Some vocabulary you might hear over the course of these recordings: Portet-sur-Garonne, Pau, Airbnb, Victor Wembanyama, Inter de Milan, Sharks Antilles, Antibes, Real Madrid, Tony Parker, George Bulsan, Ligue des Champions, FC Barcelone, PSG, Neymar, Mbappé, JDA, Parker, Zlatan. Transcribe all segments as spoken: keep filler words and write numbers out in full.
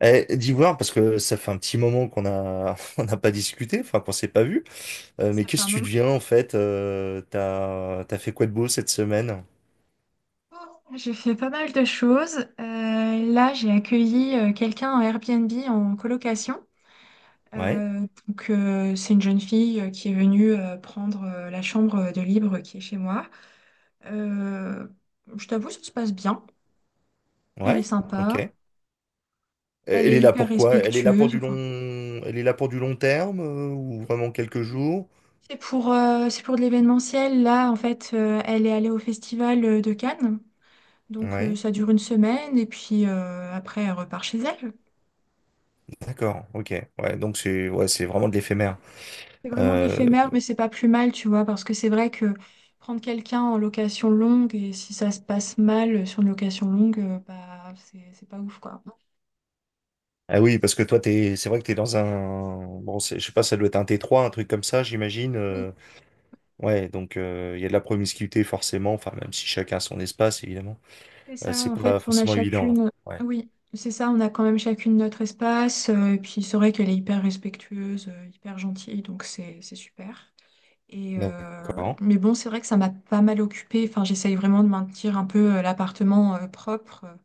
Eh, d'Ivoire, parce que ça fait un petit moment qu'on a on n'a pas discuté, enfin qu'on s'est pas vu. Euh, mais Ça fait qu'est-ce un que tu moment. deviens en fait? euh, t'as t'as fait quoi de beau cette semaine? J'ai fait pas mal de choses. Euh, là, j'ai accueilli euh, quelqu'un en Airbnb en colocation. Ouais, Euh, donc, euh, c'est une jeune fille euh, qui est venue euh, prendre euh, la chambre de libre qui est chez moi. Euh, je t'avoue, ça se passe bien. Elle est ouais, ok. Euh, sympa. Elle Elle est est là hyper pour quoi? Elle est là pour respectueuse. du Enfin, long, elle est là pour du long terme euh, ou vraiment quelques jours? c'est pour, euh, c'est pour de l'événementiel. Là, en fait, euh, elle est allée au festival euh, de Cannes. Donc, euh, Ouais, ça dure une semaine et puis euh, après, elle repart chez elle. d'accord, ok. Ouais, donc c'est ouais, c'est vraiment de l'éphémère. C'est vraiment de Euh, l'éphémère, mais c'est pas plus mal, tu vois, parce que c'est vrai que prendre quelqu'un en location longue et si ça se passe mal euh, sur une location longue, euh, bah c'est c'est pas ouf, quoi. Ah oui, parce que toi t'es, c'est vrai que t'es dans un, bon, c'est- je sais pas, ça doit être un t trois, un truc comme ça, j'imagine. Oui, euh. Ouais, donc euh, il y a de la promiscuité forcément, enfin même si chacun a son espace évidemment, c'est euh, ça, c'est en pas fait, on a forcément évident, hein. chacune. Ouais. Oui, c'est ça, on a quand même chacune notre espace, euh, et puis c'est vrai qu'elle est hyper respectueuse, euh, hyper gentille, donc c'est c'est super. Et euh, D'accord. mais bon, c'est vrai que ça m'a pas mal occupée. Enfin, j'essaye vraiment de maintenir un peu euh, l'appartement euh, propre. euh,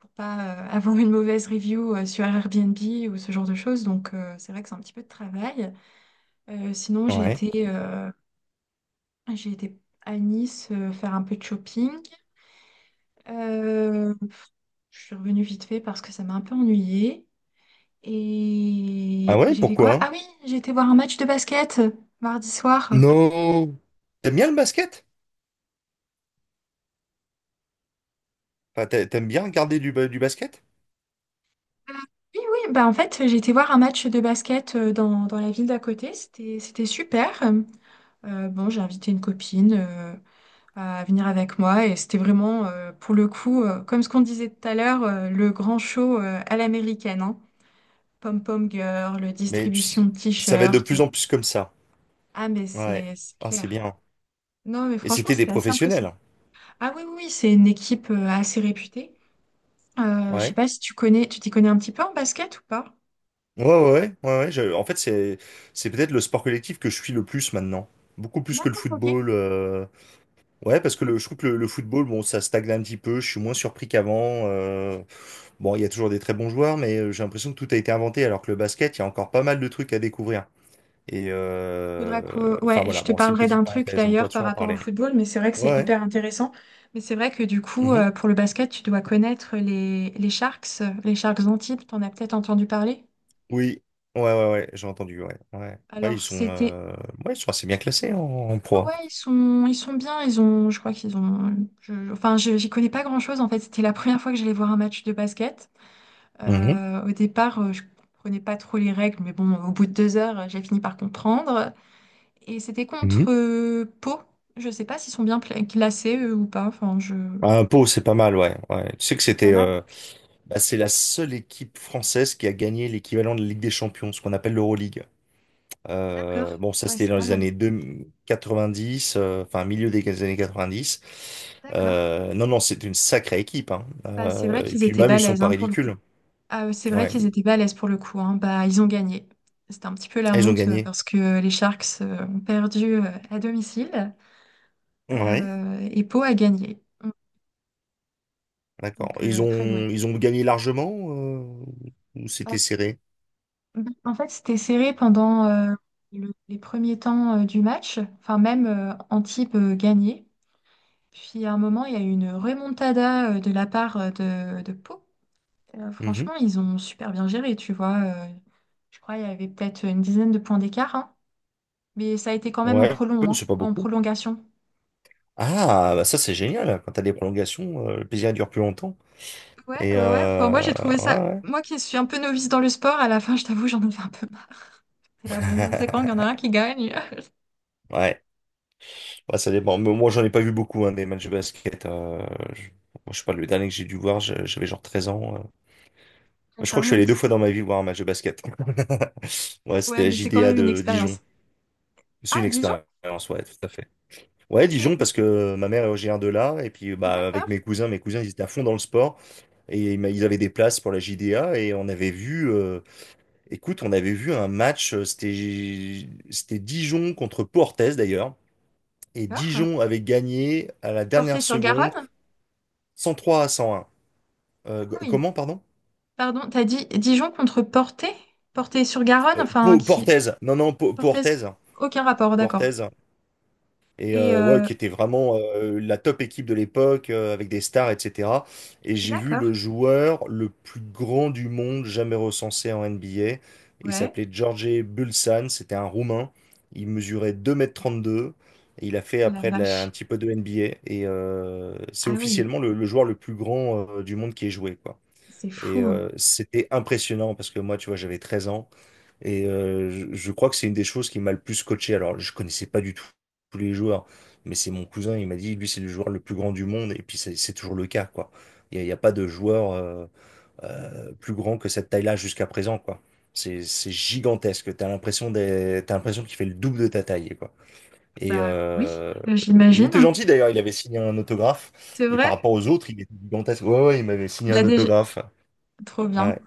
pour pas euh, avoir une mauvaise review euh, sur Airbnb ou ce genre de choses. Donc euh, c'est vrai que c'est un petit peu de travail. Euh, sinon, j'ai Ouais. été, euh, j'ai été à Nice euh, faire un peu de shopping. Euh, je suis revenue vite fait parce que ça m'a un peu ennuyée. Ah Et ouais, j'ai fait quoi? pourquoi? Ah oui, j'ai été voir un match de basket mardi soir. Euh, Non. T'aimes bien le basket? Enfin, t'a- t'aimes bien regarder du, ba- du basket? Oui, oui, bah en fait, j'ai été voir un match de basket euh, dans, dans la ville d'à côté. C'était, c'était super. Euh, bon, j'ai invité une copine euh, à venir avec moi. Et c'était vraiment, euh, pour le coup, euh, comme ce qu'on disait tout à l'heure, euh, le grand show euh, à l'américaine, hein. Pom-pom girl, le Mais tu distribution sais, de ça va être de t-shirts. plus en plus comme ça. Ah, mais Ouais. c'est c'est Ah, c'est clair. bien. Non, mais Et franchement, c'était des c'était assez professionnels, impressionnant. hein. Ah oui, oui, oui, c'est une équipe euh, assez réputée. Euh, je sais Ouais. pas si tu connais, tu t'y connais un petit peu en basket ou pas? Ouais, ouais, ouais, ouais, ouais, je- en fait, c'est c'est peut-être le sport collectif que je suis le plus maintenant. Beaucoup plus que le D'accord, ok. football. euh, Ouais, parce que le, je trouve que le, le football, bon, ça stagne un petit peu. Je suis moins surpris qu'avant. Euh, bon, il y a toujours des très bons joueurs, mais euh, j'ai l'impression que tout a été inventé, alors que le basket, il y a encore pas mal de trucs à découvrir. Et Faudra euh, que... enfin Ouais, voilà, je te bon, c'est une parlerai d'un petite truc parenthèse. On pourra d'ailleurs par toujours en rapport au parler. football, mais c'est vrai que c'est Ouais, hyper intéressant. Mais c'est vrai que du ouais. coup, Mhm. euh, pour le basket, tu dois connaître les, les Sharks, euh, les Sharks Antilles, t'en as peut-être entendu parler. Oui. Ouais, ouais, ouais. J'ai entendu. Ouais, ouais. Ouais, ils Alors, sont, c'était... euh, ouais, ils sont assez bien classés en, en pro. Ouais, ils sont, ils sont bien, ils ont... Je crois qu'ils ont... je- Enfin, je- j'y connais pas grand-chose, en fait. C'était la première fois que j'allais voir un match de basket. Mhm. Euh, au départ, euh, je comprenais pas trop les règles, mais bon, au bout de deux heures, j'ai fini par comprendre. Et c'était contre Mhm. euh, Pau. Je sais pas s'ils sont bien pla- classés eux, ou pas. Enfin, je... Ah, Pau, c'est pas mal, ouais. Ouais. Tu sais que C'est pas c'était, mal. euh, bah, c'est la seule équipe française qui a gagné l'équivalent de la Ligue des Champions, ce qu'on appelle l'Euroleague. D'accord. Euh, bon, ça, Ouais, c'était c'est dans pas les mal. années deux quatre-vingt-dix, euh, enfin, milieu des années quatre-vingt-dix. D'accord. Euh, non, non, c'est une sacrée équipe, hein. Bah, c'est Euh, vrai Et qu'ils puis étaient même, ils sont balèzes pas hein, pour le coup. ridicules. Ah, euh, c'est vrai Ouais, qu'ils étaient balèzes pour le coup, hein. Bah, ils ont gagné. C'était un petit peu la ils ont honte euh, gagné. parce que les Sharks euh, ont perdu euh, à domicile Ouais, euh, et Pau a gagné. Mm. d'accord. Donc, Ils euh, très doué. ont, ils ont gagné largement, euh, ou c'était serré? Euh, En fait, c'était serré pendant euh, le- les premiers temps euh, du match. Enfin, même euh, Antibes euh, gagnait. Puis à un moment, il y a eu une remontada euh, de la part euh, de, de Pau. Euh, Mhm. Franchement, ils ont super bien géré, tu vois. Euh, je crois qu'il y avait peut-être une dizaine de points d'écart, hein. Mais ça a été quand même en Ouais, prolong, hein, c'est pas en beaucoup. prolongation. Ah, bah ça, c'est génial. Quand t'as des prolongations, euh, le plaisir dure plus longtemps. Ouais, Et ouais, ouais. Enfin, moi, euh, j'ai trouvé ouais, ça. ouais. Moi qui suis un peu novice dans le sport, à la fin, je t'avoue, j'en avais un peu marre. C'est là, bon, c'est quand qu'il y en a un qui gagne? Ouais. Bah, ça dépend. Mais moi, j'en ai pas vu beaucoup, hein, des matchs de basket. Euh, je... moi, je sais pas, le dernier que j'ai dû voir, je- j'avais genre treize ans. euh. Et Je ça crois que je suis allé deux remonte. fois dans ma vie voir un match de basket. Ouais, c'était Ouais, la mais c'est quand J D A même une de Dijon. expérience. C'est une Ah, Dijon? expérience, ouais, tout à fait. Ouais, Dijon, Ok, parce que ma mère est originaire de là, et puis bah, avec d'accord. mes cousins, mes cousins, ils étaient à fond dans le sport, et ils m'a- ils avaient des places pour la J D A, et on avait vu, euh, écoute, on avait vu un match, euh, c'était c'était Dijon contre Portes d'ailleurs, et D'accord. Dijon avait gagné à la dernière Porté sur seconde. Garonne? cent trois à cent un. Euh, Ah g- oui. comment, pardon? Pardon, t'as dit Dijon contre Portet? Portet-sur-Garonne, Euh, enfin Po- qui... Portez. Non, non, Po- Portaise? Portez. Aucun rapport, d'accord. Portez. Et Et euh, ouais, euh, qui était vraiment euh, la top équipe de l'époque, euh, avec des stars, et cetera. Et j'ai vu le d'accord. joueur le plus grand du monde jamais recensé en N B A. Il Ouais, s'appelait George Bulsan, c'était un Roumain. Il mesurait deux mètres trente-deux. Et il a fait la après de la- un vache. petit peu de N B A. Et euh, c'est Ah oui, officiellement le, le joueur le plus grand euh, du monde qui ait joué, quoi. c'est Et fou. euh, c'était impressionnant parce que moi, tu vois, j'avais treize ans et euh, je, je crois que c'est une des choses qui m'a le plus coaché. Alors, je connaissais pas du tout tous les joueurs, mais c'est mon cousin, il m'a dit, lui, c'est le joueur le plus grand du monde et puis c'est c'est toujours le cas, quoi. Il n'y a, il y a pas de joueur euh, euh, plus grand que cette taille-là jusqu'à présent, quoi. C'est c'est gigantesque. T'as l'impression d'être- t'as l'impression qu'il fait le double de ta taille, quoi. Et Bah oui, euh, il j'imagine. était gentil d'ailleurs, il avait signé un autographe. C'est Et par vrai? rapport aux autres, il était gigantesque. Ouais, ouais, il m'avait signé Bah un déjà, autographe. trop bien. Ouais.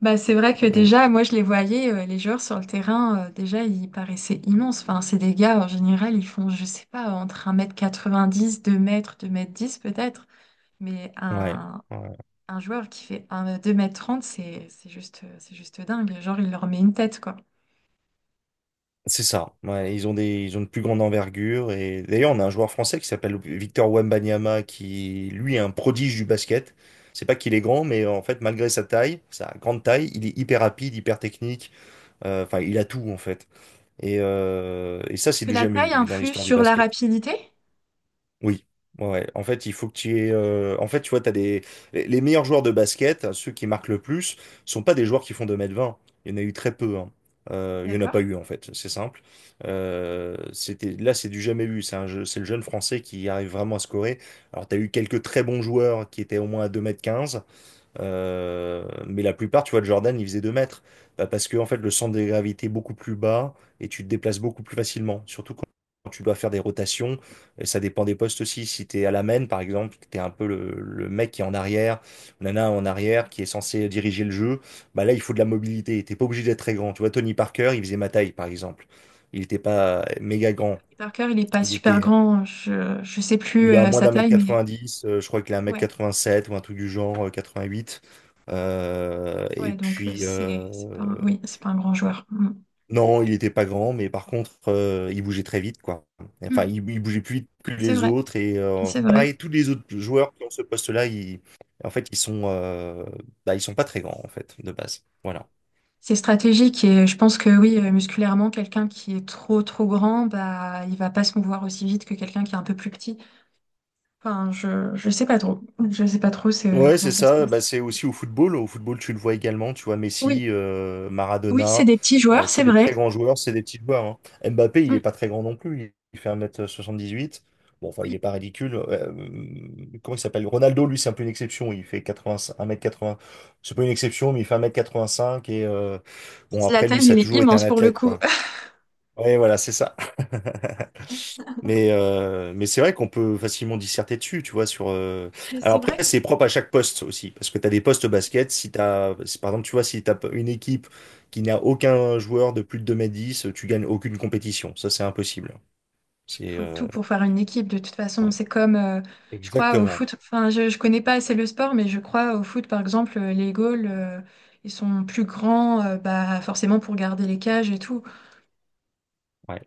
Bah c'est vrai que Mm. déjà, moi je les voyais, euh, les joueurs sur le terrain, euh, déjà ils paraissaient immenses. Enfin, c'est des gars, en général, ils font, je sais pas, entre un mètre quatre-vingt-dix, deux mètres, deux mètres dix peut-être. Mais Ouais, un, ouais, Un joueur qui fait un deux mètres trente, c'est c'est juste, c'est juste dingue. Genre, il leur met une tête, quoi. c'est ça. Ouais, ils ont des, ils ont une plus grande envergure. Et d'ailleurs, on a un joueur français qui s'appelle Victor Wembanyama, qui lui est un prodige du basket. C'est pas qu'il est grand, mais en fait, malgré sa taille, sa grande taille, il est hyper rapide, hyper technique. Euh, Enfin, il a tout en fait. Et, euh, et ça, Est-ce c'est que du la jamais taille vu dans influe l'histoire du sur la basket. rapidité? Oui, ouais, ouais. En fait, il faut que tu aies. euh, En fait, tu vois, t'as des... les les meilleurs joueurs de basket, ceux qui marquent le plus, sont pas des joueurs qui font deux mètres vingt. Il y en a eu très peu, hein. Euh, il y en a pas D'accord. eu, en fait. C'est simple. Euh, c'était... là, c'est du jamais vu. C'est un jeu- c'est le jeune français qui arrive vraiment à scorer. Alors, tu as eu quelques très bons joueurs qui étaient au moins à deux mètres quinze. Euh, mais la plupart, tu vois, de Jordan, il faisait deux mètres. Bah, parce que, en fait, le centre de gravité est beaucoup plus bas et tu te déplaces beaucoup plus facilement. Surtout quand quand tu dois faire des rotations. Et ça dépend des postes aussi. Si tu es à la main, par exemple, tu es un peu le, le mec qui est en arrière, ou nana en arrière, qui est censé diriger le jeu. Bah là, il faut de la mobilité. T'es pas obligé d'être très grand. Tu vois, Tony Parker, il faisait ma taille, par exemple. Il n'était pas euh, méga grand. Parker, il n'est pas Il super était grand. Je, je sais plus il est à euh, moins sa d'un mètre taille, mais quatre-vingt-dix, euh, je crois qu'il est à un ouais, mètre sept ou un truc du genre, euh, quatre-vingt-huit. Euh, et ouais, donc euh, puis, euh, c'est c'est pas un, oui, c'est pas un grand joueur. Mm. non, il était pas grand, mais par contre, euh, il bougeait très vite, quoi. Enfin, Mm. il, il bougeait plus vite que C'est les vrai, autres. Et euh, c'est vrai. pareil, tous les autres joueurs qui ont ce poste-là, ils, en fait, ils sont, euh, bah, ils sont pas très grands, en fait, de base. Voilà. C'est stratégique et je pense que oui, euh, musculairement, quelqu'un qui est trop trop grand, bah il va pas se mouvoir aussi vite que quelqu'un qui est un peu plus petit. Enfin, je je sais pas trop. Je sais pas trop c'est euh, Ouais, comment c'est ça se ça. passe. Bah, c'est aussi au football. Au football, tu le vois également. Tu vois Oui. Messi, euh, Oui, c'est Maradona. des petits euh, joueurs, Tu sais, c'est les très vrai. grands joueurs, c'est des petits joueurs, hein. Mbappé, il Mm, est pas très grand non plus. Il il fait un mètre soixante-dix-huit. Bon, enfin, il est oui, pas ridicule. Euh, comment il s'appelle? Ronaldo, lui, c'est un peu une exception. Il fait quatre-vingts, un mètre quatre-vingts. C'est pas une exception, mais il fait un mètre quatre-vingt-cinq. Et euh, bon, après, Zlatan, lui, ça a il est toujours été un immense pour le athlète, coup. quoi. Ouais, voilà, c'est ça. Mais, euh, mais c'est vrai qu'on peut facilement disserter dessus, tu vois, sur... euh, Mais Alors c'est vrai après, que c'est propre à chaque poste aussi, parce que tu as des postes oui, basket, si t'as... si, par exemple, tu vois, si tu as une équipe qui n'a aucun joueur de plus de deux mètres dix, tu gagnes aucune compétition. Ça, c'est impossible. il C'est... faut tout euh, pour faire une équipe. De toute ouais. façon, c'est comme, euh, je crois, au Exactement. foot. Enfin, je ne connais pas assez le sport, mais je crois au foot, par exemple, euh, les goals, euh, ils sont plus grands, euh, bah, forcément pour garder les cages et tout. Ouais.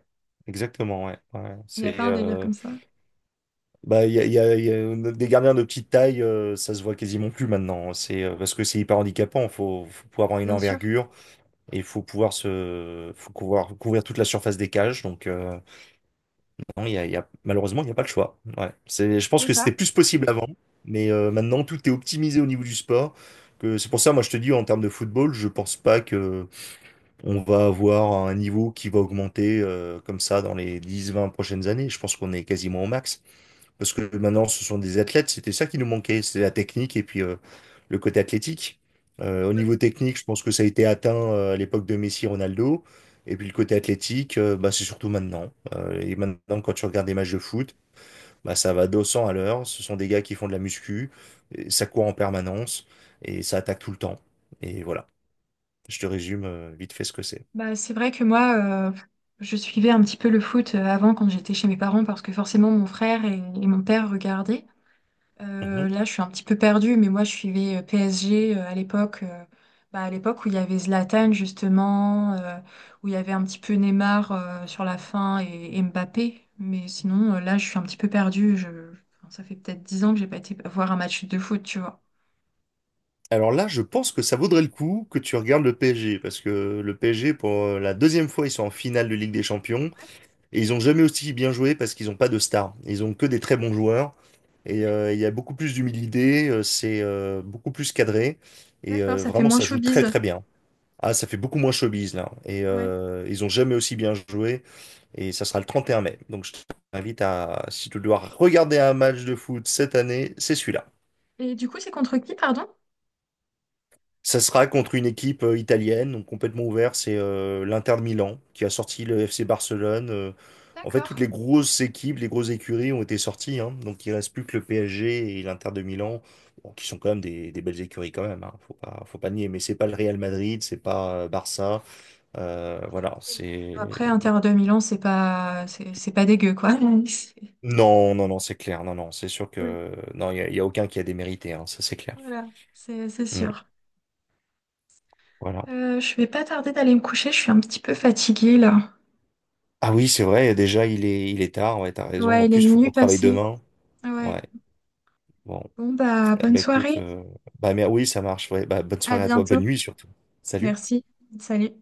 Exactement, ouais, ouais. Il n'y a C'est... pas un délire euh, comme ça. bah, il y a, il y a- il y a des gardiens de petite taille, euh, ça se voit quasiment plus maintenant. C'est euh, parce que c'est hyper handicapant, faut, faut pouvoir avoir une Bien sûr, envergure. Et il faut pouvoir se, faut pouvoir couvrir toute la surface des cages. Donc, euh, non, il y a, il y a- malheureusement, il n'y a pas le choix. Ouais. C'est, je pense c'est que ça. c'était plus possible avant, mais euh, maintenant, tout est optimisé au niveau du sport. Que c'est pour ça, moi, je te dis, en termes de football, je pense pas que on va avoir un niveau qui va augmenter euh, comme ça dans les dix vingt prochaines années. Je pense qu'on est quasiment au max. Parce que maintenant, ce sont des athlètes, c'était ça qui nous manquait, c'est la technique et puis euh, le côté athlétique. Euh, au niveau technique, je pense que ça a été atteint euh, à l'époque de Messi, Ronaldo. Et puis le côté athlétique, euh, bah, c'est surtout maintenant. Euh, et maintenant, quand tu regardes des matchs de foot, bah, ça va deux cents à l'heure. Ce sont des gars qui font de la muscu, et ça court en permanence et ça attaque tout le temps. Et voilà, je te résume euh, vite fait ce que c'est. Bah, c'est vrai que moi, euh, je suivais un petit peu le foot euh, avant quand j'étais chez mes parents parce que forcément mon frère et, et mon père regardaient. Euh, là, je suis un petit peu perdue, mais moi, je suivais euh, P S G euh, à l'époque, euh, bah, à l'époque où il y avait Zlatan, justement, euh, où il y avait un petit peu Neymar euh, sur la fin et, et Mbappé. Mais sinon, euh, là, je suis un petit peu perdue. Je... enfin, ça fait peut-être dix ans que j'ai pas été voir un match de foot, tu vois. Alors là, je pense que ça vaudrait le coup que tu regardes le P S G, parce que le P S G, pour euh, la deuxième fois, ils sont en finale de Ligue des Champions, et ils ont jamais aussi bien joué parce qu'ils n'ont pas de stars. Ils ont que des très bons joueurs, et Ouais. euh, il y a beaucoup plus d'humilité, euh, c'est euh, beaucoup plus cadré, et D'accord, euh, ça fait vraiment, moins ça joue très showbiz. très bien. Ah, ça fait beaucoup moins showbiz là, et Ouais. euh, ils ont jamais aussi bien joué, et ça sera le trente et un mai. Donc je t'invite à, si tu dois regarder un match de foot cette année, c'est celui-là. Et du coup, c'est contre qui, pardon? Ça sera contre une équipe euh, italienne, donc complètement ouverte, c'est euh, l'Inter de Milan qui a sorti le F C Barcelone. euh. En fait, toutes D'accord. les grosses équipes, les grosses écuries ont été sorties, hein. Donc il reste plus que le P S G et l'Inter de Milan, bon, qui sont quand même des, des belles écuries quand même, hein. Faut pas, faut pas nier. Mais c'est pas le Real Madrid, c'est pas euh, Barça, euh, voilà, Oui. c'est Après, bon. Inter de Milan, c'est pas, c'est c'est pas dégueu, quoi. C'est- Non, non, non, c'est clair, non, non, c'est sûr Oui. que non, il y, a il y a aucun qui a démérité, hein, ça c'est clair. Voilà, c'est c'est Mm. sûr. Voilà. Euh, je vais pas tarder d'aller me coucher, je suis un petit peu fatiguée là. Ah oui, c'est vrai, déjà il est il est tard, ouais, t'as raison. Ouais, En il est plus, faut qu'on minuit travaille passé. demain. Ouais. Ouais. Bon, Bon bah bonne bah écoute, soirée. euh, bah mais oui, ça marche. Ouais, bah bonne À soirée à toi, bonne bientôt. nuit surtout. Salut. Merci. Salut.